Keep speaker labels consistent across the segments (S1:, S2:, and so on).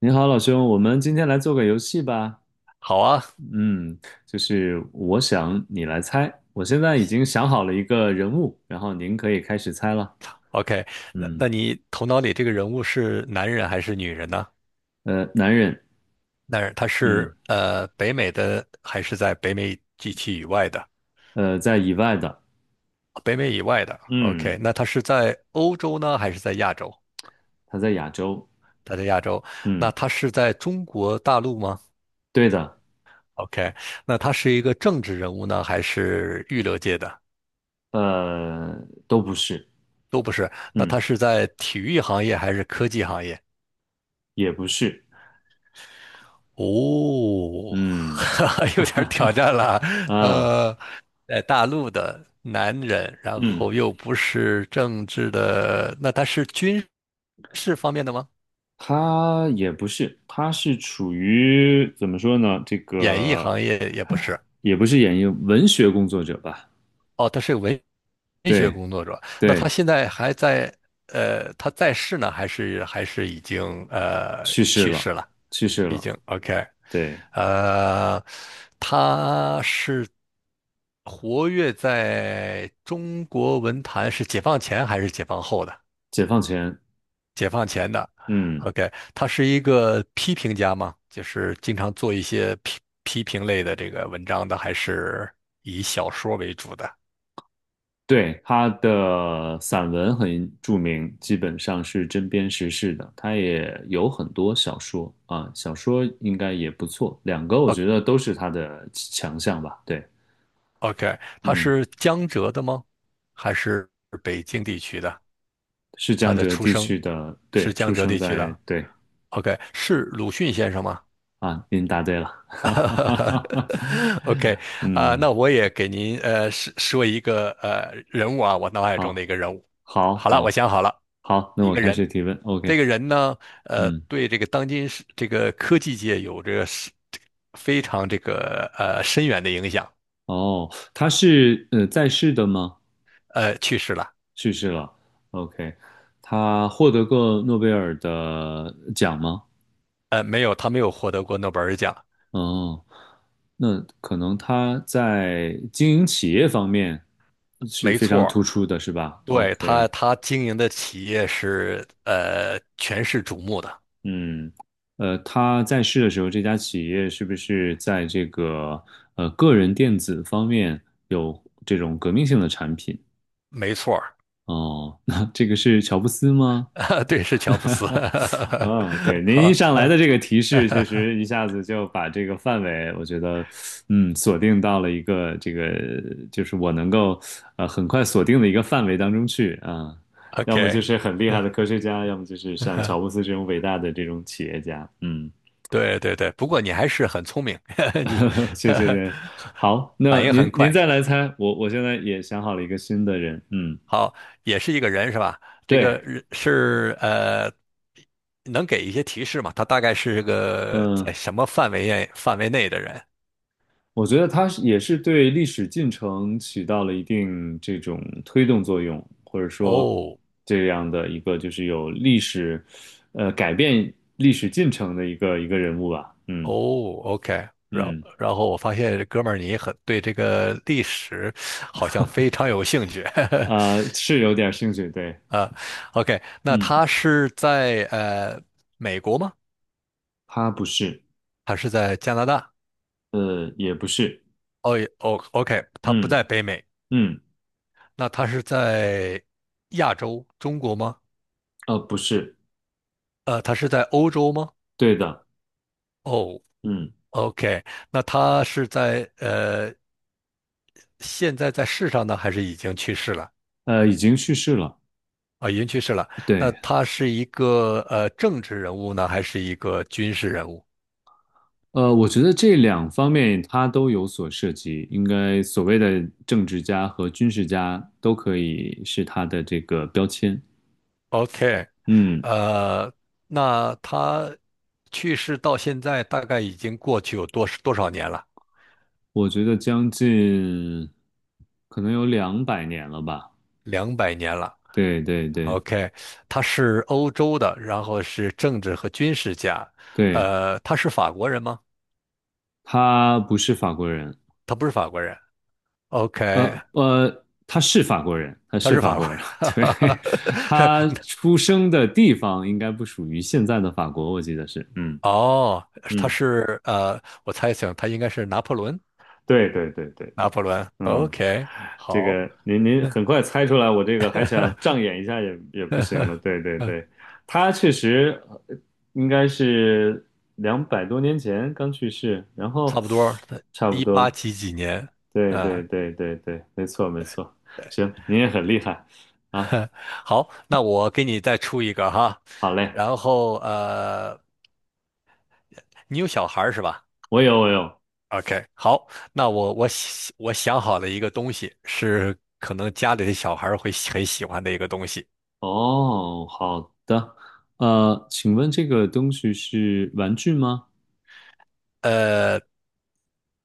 S1: 你好，老兄，我们今天来做个游戏吧。
S2: 好啊
S1: 嗯，就是我想你来猜。我现在已经想好了一个人物，然后您可以开始猜了。
S2: ，OK，那
S1: 嗯，
S2: 那你头脑里这个人物是男人还是女人呢？
S1: 男人，
S2: 男人，他
S1: 嗯，
S2: 是北美的还是在北美地区以外的？
S1: 在以外的，
S2: 北美以外的
S1: 嗯，
S2: ，OK，那他是在欧洲呢还是在亚洲？
S1: 他在亚洲，
S2: 他在亚洲，那
S1: 嗯，
S2: 他是在中国大陆吗
S1: 对的，
S2: ？OK，那他是一个政治人物呢还是娱乐界的？
S1: 呃，都不是，
S2: 那
S1: 嗯，
S2: 他是在体育行业还是科技行业？
S1: 也不是，
S2: 哦，
S1: 嗯，
S2: 有点儿挑战了。
S1: 啊，
S2: 呃，在大陆的男人，然
S1: 嗯。
S2: 后又不是政治的，那他是军事方面的吗？
S1: 他也不是，他是处于怎么说呢？这
S2: 演艺
S1: 个
S2: 行业也不是。
S1: 也不是演艺文学工作者吧？
S2: 哦，他是文学
S1: 对
S2: 工作者。那他
S1: 对，
S2: 现在还在，他在世呢，还是已经
S1: 去世
S2: 去世
S1: 了，
S2: 了？
S1: 去世
S2: 已
S1: 了。
S2: 经 OK。
S1: 对，
S2: 呃，他是。活跃在中国文坛是解放前还是解放后的？
S1: 解放前，
S2: 解放前的。
S1: 嗯，
S2: OK，他是一个批评家吗？就是经常做一些批评类的这个文章的，还是以小说为主的
S1: 对，他的散文很著名，基本上是针砭时事的。他也有很多小说啊，小说应该也不错，两个我觉得都是他的强项吧。对，
S2: ？OK，他
S1: 嗯，
S2: 是江浙的吗？还是北京地区的？
S1: 是
S2: 他
S1: 江
S2: 的
S1: 浙
S2: 出
S1: 地
S2: 生
S1: 区的，
S2: 是
S1: 对，
S2: 江
S1: 出
S2: 浙
S1: 生
S2: 地区
S1: 在，
S2: 的。
S1: 对。
S2: OK，是鲁迅先生吗？
S1: 啊，您答对了，
S2: OK，啊、
S1: 嗯，
S2: 那我也给您说说一个人物啊，我脑海中的
S1: 好，
S2: 一个人物。
S1: 好，
S2: 好了，我
S1: 好，
S2: 想好了，
S1: 好，那
S2: 一
S1: 我
S2: 个
S1: 开
S2: 人。
S1: 始提问，OK，
S2: 这个人呢，
S1: 嗯，
S2: 对这个当今是这个科技界有着非常这个深远的影响。
S1: 哦，他是在世的吗？
S2: 去世了。
S1: 去世了，OK，他获得过诺贝尔的奖吗？
S2: 没有，他没有获得过诺贝尔奖。
S1: 哦，那可能他在经营企业方面是
S2: 没
S1: 非
S2: 错
S1: 常突
S2: 儿
S1: 出的，是吧
S2: 对，他，
S1: ？OK，
S2: 他经营的企业是全市瞩目的。
S1: 嗯，他在世的时候，这家企业是不是在这个个人电子方面有这种革命性的产品？
S2: 没错
S1: 哦，那这个是乔布斯吗？
S2: 儿 对，是乔布斯。
S1: 啊，对，您一
S2: 好，
S1: 上来的这个提示，确实一 下子就把这个范围，我觉得，嗯，锁定到了一个这个，就是我能够很快锁定的一个范围当中去啊。要么就
S2: OK，
S1: 是很厉害
S2: 嗯
S1: 的科学家，要么就是像
S2: 嗯，
S1: 乔布斯这种伟大的这种企业家，嗯。
S2: 对对对，不过你还是很聪明，你
S1: 谢谢您。好，那
S2: 反应
S1: 您
S2: 很
S1: 您
S2: 快。
S1: 再来猜，我现在也想好了一个新的人，嗯，
S2: 好，也是一个人是吧？这个
S1: 对，
S2: 人是能给一些提示吗？他大概是个在
S1: 嗯，
S2: 什么范围内的人？
S1: 我觉得他是也是对历史进程起到了一定这种推动作用，或者说
S2: 哦
S1: 这样的一个就是有历史，改变历史进程的一个人物吧，嗯
S2: 哦，OK。然后
S1: 嗯，
S2: 然后我发现哥们儿你很对这个历史好像非常有兴趣，
S1: 啊，是有点兴趣，对，
S2: 啊，OK，那
S1: 嗯，
S2: 他是在美国吗？
S1: 他不是，
S2: 它是在加拿大。
S1: 也不是，
S2: 哦也哦，OK，他不
S1: 嗯
S2: 在北美，
S1: 嗯，
S2: 那他是在亚洲、中国吗？
S1: 不是，
S2: 他是在欧洲吗？
S1: 对的，
S2: 哦
S1: 嗯。
S2: ，OK，那他是在现在在世上呢，还是已经去世了？
S1: 已经去世了。
S2: 啊，已经去世了。那
S1: 对，
S2: 他是一个政治人物呢，还是一个军事人物
S1: 我觉得这两方面他都有所涉及，应该所谓的政治家和军事家都可以是他的这个标签。
S2: ？OK，
S1: 嗯，
S2: 呃，那他去世到现在大概已经过去有多少年了？
S1: 我觉得将近可能有200年了吧。
S2: 200年了。
S1: 对对对
S2: OK，他是欧洲的，然后是政治和军事家。
S1: 对，
S2: 他是法国人吗？
S1: 他不是法国人，
S2: 他不是法国人。OK，
S1: 他是法国人，他
S2: 他
S1: 是
S2: 是
S1: 法
S2: 法
S1: 国
S2: 国
S1: 人。
S2: 人。
S1: 对，他
S2: 是
S1: 出生的地方应该不属于现在的法国，我记得是。嗯
S2: 哦，他
S1: 嗯。
S2: 是我猜想他应该是拿破仑。
S1: 对对对对
S2: 拿
S1: 对，
S2: 破仑。
S1: 嗯，
S2: OK，
S1: 这
S2: 好，
S1: 个您很快猜出来，我这个还想障眼一下也不行了。对对对，他确实呃应该是200多年前刚去世，然后
S2: 差不多。
S1: 差不
S2: 一八
S1: 多。
S2: 几几年？
S1: 对对
S2: 呃，
S1: 对对对，没错没错。行，您也很厉害啊。
S2: 好，那我给你再出一个哈。
S1: 好嘞，
S2: 然后你有小孩儿是吧？
S1: 我有我有。
S2: OK，好，那我想我想好了一个东西，是可能家里的小孩儿会喜很喜欢的一个东西，
S1: 哦，好的。请问这个东西是玩具吗？
S2: 呃，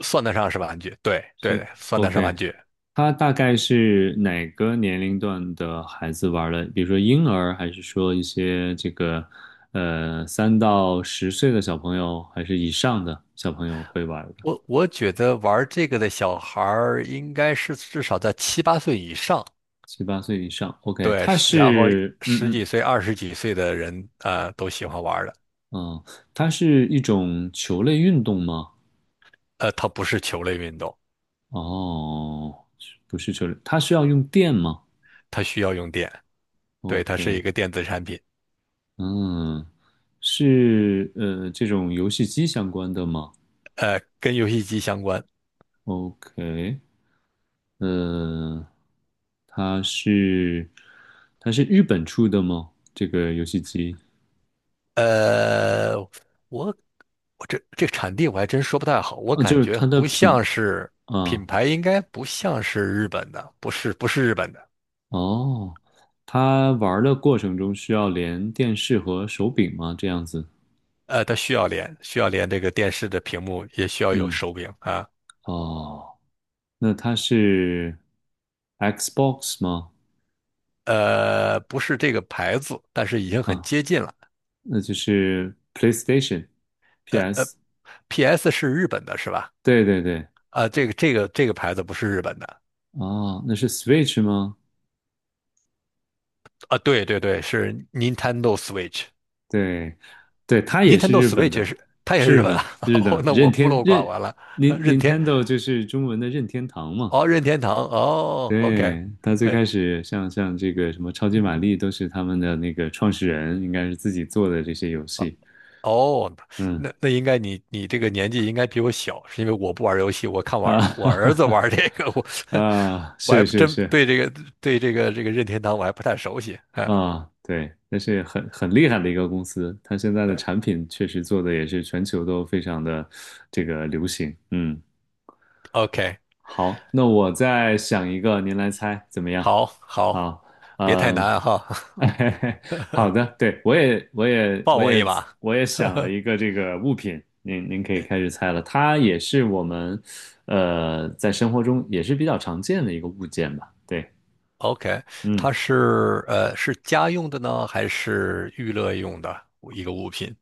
S2: 算得上是玩具，对
S1: 是
S2: 对，算得上玩
S1: OK。
S2: 具。
S1: 它大概是哪个年龄段的孩子玩儿的？比如说婴儿，还是说一些这个3到10岁的小朋友，还是以上的小朋友会玩儿的？
S2: 我觉得玩这个的小孩儿应该是至少在七八岁以上，
S1: 七八岁以上，OK，
S2: 对，
S1: 它
S2: 是然后
S1: 是嗯
S2: 十
S1: 嗯
S2: 几岁、二十几岁的人，都喜欢玩儿的。
S1: 哦，它是一种球类运动吗？
S2: 它不是球类运动，
S1: 哦，不是球类，它需要用电吗
S2: 它需要用电，对，它是一
S1: ？OK，
S2: 个电子产品，
S1: 嗯，是这种游戏机相关的吗
S2: 跟游戏机相关。
S1: ？OK，呃，它是它是日本出的吗？这个游戏机
S2: 呃，我我这产地我还真说不太好，我
S1: 哦，就
S2: 感
S1: 是
S2: 觉
S1: 它的
S2: 不
S1: 品
S2: 像是
S1: 啊
S2: 品牌，应该不像是日本的，不是不是日本的。
S1: 哦，它玩的过程中需要连电视和手柄吗？这样子，
S2: 它需要连这个电视的屏幕，也需要有
S1: 嗯
S2: 手柄啊。
S1: 哦，那它是 Xbox 吗？
S2: 不是这个牌子，但是已经很
S1: 啊，
S2: 接近了。
S1: 那就是 PlayStation、
S2: 呃呃
S1: PS，
S2: ，PS 是日本的是吧？
S1: 对对对，
S2: 啊、这个牌子不是日本的
S1: 哦，那是 Switch 吗？
S2: 啊，对对对，是 Nintendo Switch。
S1: 对，对，他也是
S2: Nintendo
S1: 日本
S2: Switch
S1: 的，
S2: 它也是
S1: 是日
S2: 日本的，
S1: 本 日
S2: 哦
S1: 的
S2: 那我
S1: 任
S2: 孤
S1: 天
S2: 陋
S1: 任
S2: 寡闻了。
S1: Nin-
S2: 任天
S1: Nintendo 就是中文的任天堂嘛。
S2: 哦，任天堂，哦，OK，
S1: 对，他最
S2: 哎，
S1: 开始像这个什么超级玛丽都是他们的那个创始人应该是自己做的这些游戏。
S2: 哦，
S1: 嗯
S2: 那应该你这个年纪应该比我小，是因为我不玩游戏，我看玩
S1: 啊
S2: 儿我
S1: 哈哈
S2: 儿子玩
S1: 哈
S2: 儿这个，我
S1: 啊，
S2: 我还
S1: 是
S2: 不
S1: 是
S2: 真
S1: 是
S2: 对这个任天堂我还不太熟悉，啊。
S1: 啊，对，那是很厉害的一个公司，它现在的
S2: 对
S1: 产品确实做的也是全球都非常的这个流行。嗯
S2: ，OK，
S1: 好，那我再想一个，您来猜怎么样？
S2: 好，好，
S1: 好，
S2: 别太
S1: 嗯，
S2: 难哈，
S1: 好的，对，我也，我也，
S2: 放
S1: 我
S2: 我一
S1: 也，
S2: 马
S1: 我也想了一个这个物品，您可以开始 猜了。它也是我们，在生活中也是比较常见的一个物件吧？对，
S2: ，OK，
S1: 嗯，
S2: 它是是家用的呢，还是娱乐用的一个物品？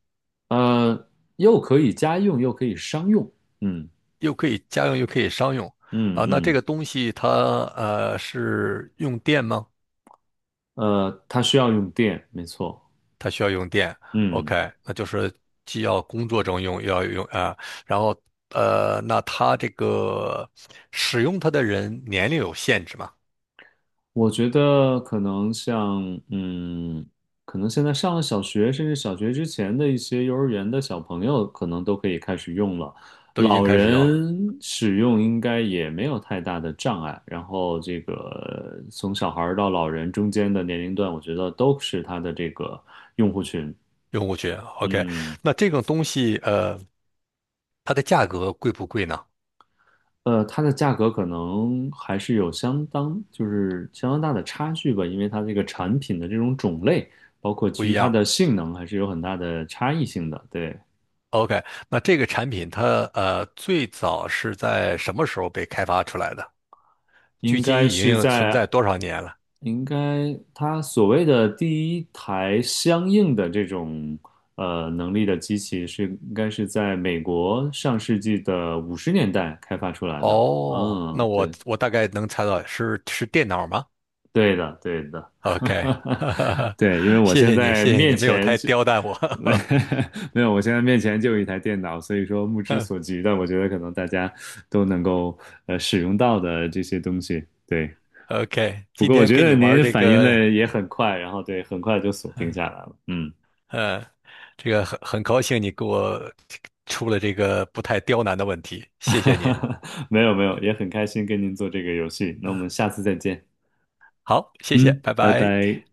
S1: 呃，又可以家用，又可以商用，嗯
S2: 又可以家用又可以商用
S1: 嗯
S2: 啊。那这
S1: 嗯，
S2: 个东西它是用电吗？
S1: 它需要用电，没错，
S2: 它需要用电。
S1: 嗯
S2: OK，那就是既要工作中用，又要用啊、然后那它这个使用它的人年龄有限制吗？
S1: 我觉得可能像，嗯，可能现在上了小学，甚至小学之前的一些幼儿园的小朋友，可能都可以开始用了。
S2: 都已经
S1: 老
S2: 开始用了，
S1: 人使用应该也没有太大的障碍。然后这个从小孩儿到老人中间的年龄段，我觉得都是它的这个用户群。
S2: 用户群。OK，
S1: 嗯。
S2: 那这种东西它的价格贵不贵呢？
S1: 它的价格可能还是有相当，就是相当大的差距吧，因为它这个产品的这种种类，包括
S2: 不
S1: 基
S2: 一
S1: 于它
S2: 样。
S1: 的性能，还是有很大的差异性的。对，
S2: OK，那这个产品它最早是在什么时候被开发出来的？距
S1: 应
S2: 今
S1: 该
S2: 已
S1: 是
S2: 经存
S1: 在，
S2: 在多少年了？
S1: 应该它所谓的第一台相应的这种能力的机器是，应该是在美国上世纪的50年代开发出来的。
S2: 哦，那
S1: 嗯，
S2: 我
S1: 对。
S2: 我大概能猜到是电脑吗
S1: 对的，对的，
S2: ？OK，哈哈哈，
S1: 对，因为我
S2: 谢
S1: 现
S2: 谢你，
S1: 在
S2: 谢谢
S1: 面
S2: 你，没有
S1: 前
S2: 太
S1: 就
S2: 刁难我。
S1: 没有，我现在面前就有一台电脑，所以说目之所及的，我觉得可能大家都能够使用到的这些东西。对，
S2: OK，
S1: 不
S2: 今
S1: 过我
S2: 天
S1: 觉
S2: 跟你
S1: 得
S2: 玩
S1: 您
S2: 这
S1: 反应
S2: 个，
S1: 的也很快，然后对，很快就锁定下来了。嗯，
S2: 嗯，这个很高兴你给我出了这个不太刁难的问题，谢谢您。
S1: 没有没有，
S2: 嗯，
S1: 也很开心跟您做这个游戏。那我
S2: 嗯
S1: 们下次再见。
S2: 好，谢谢，
S1: 嗯，
S2: 拜
S1: 拜
S2: 拜。
S1: 拜。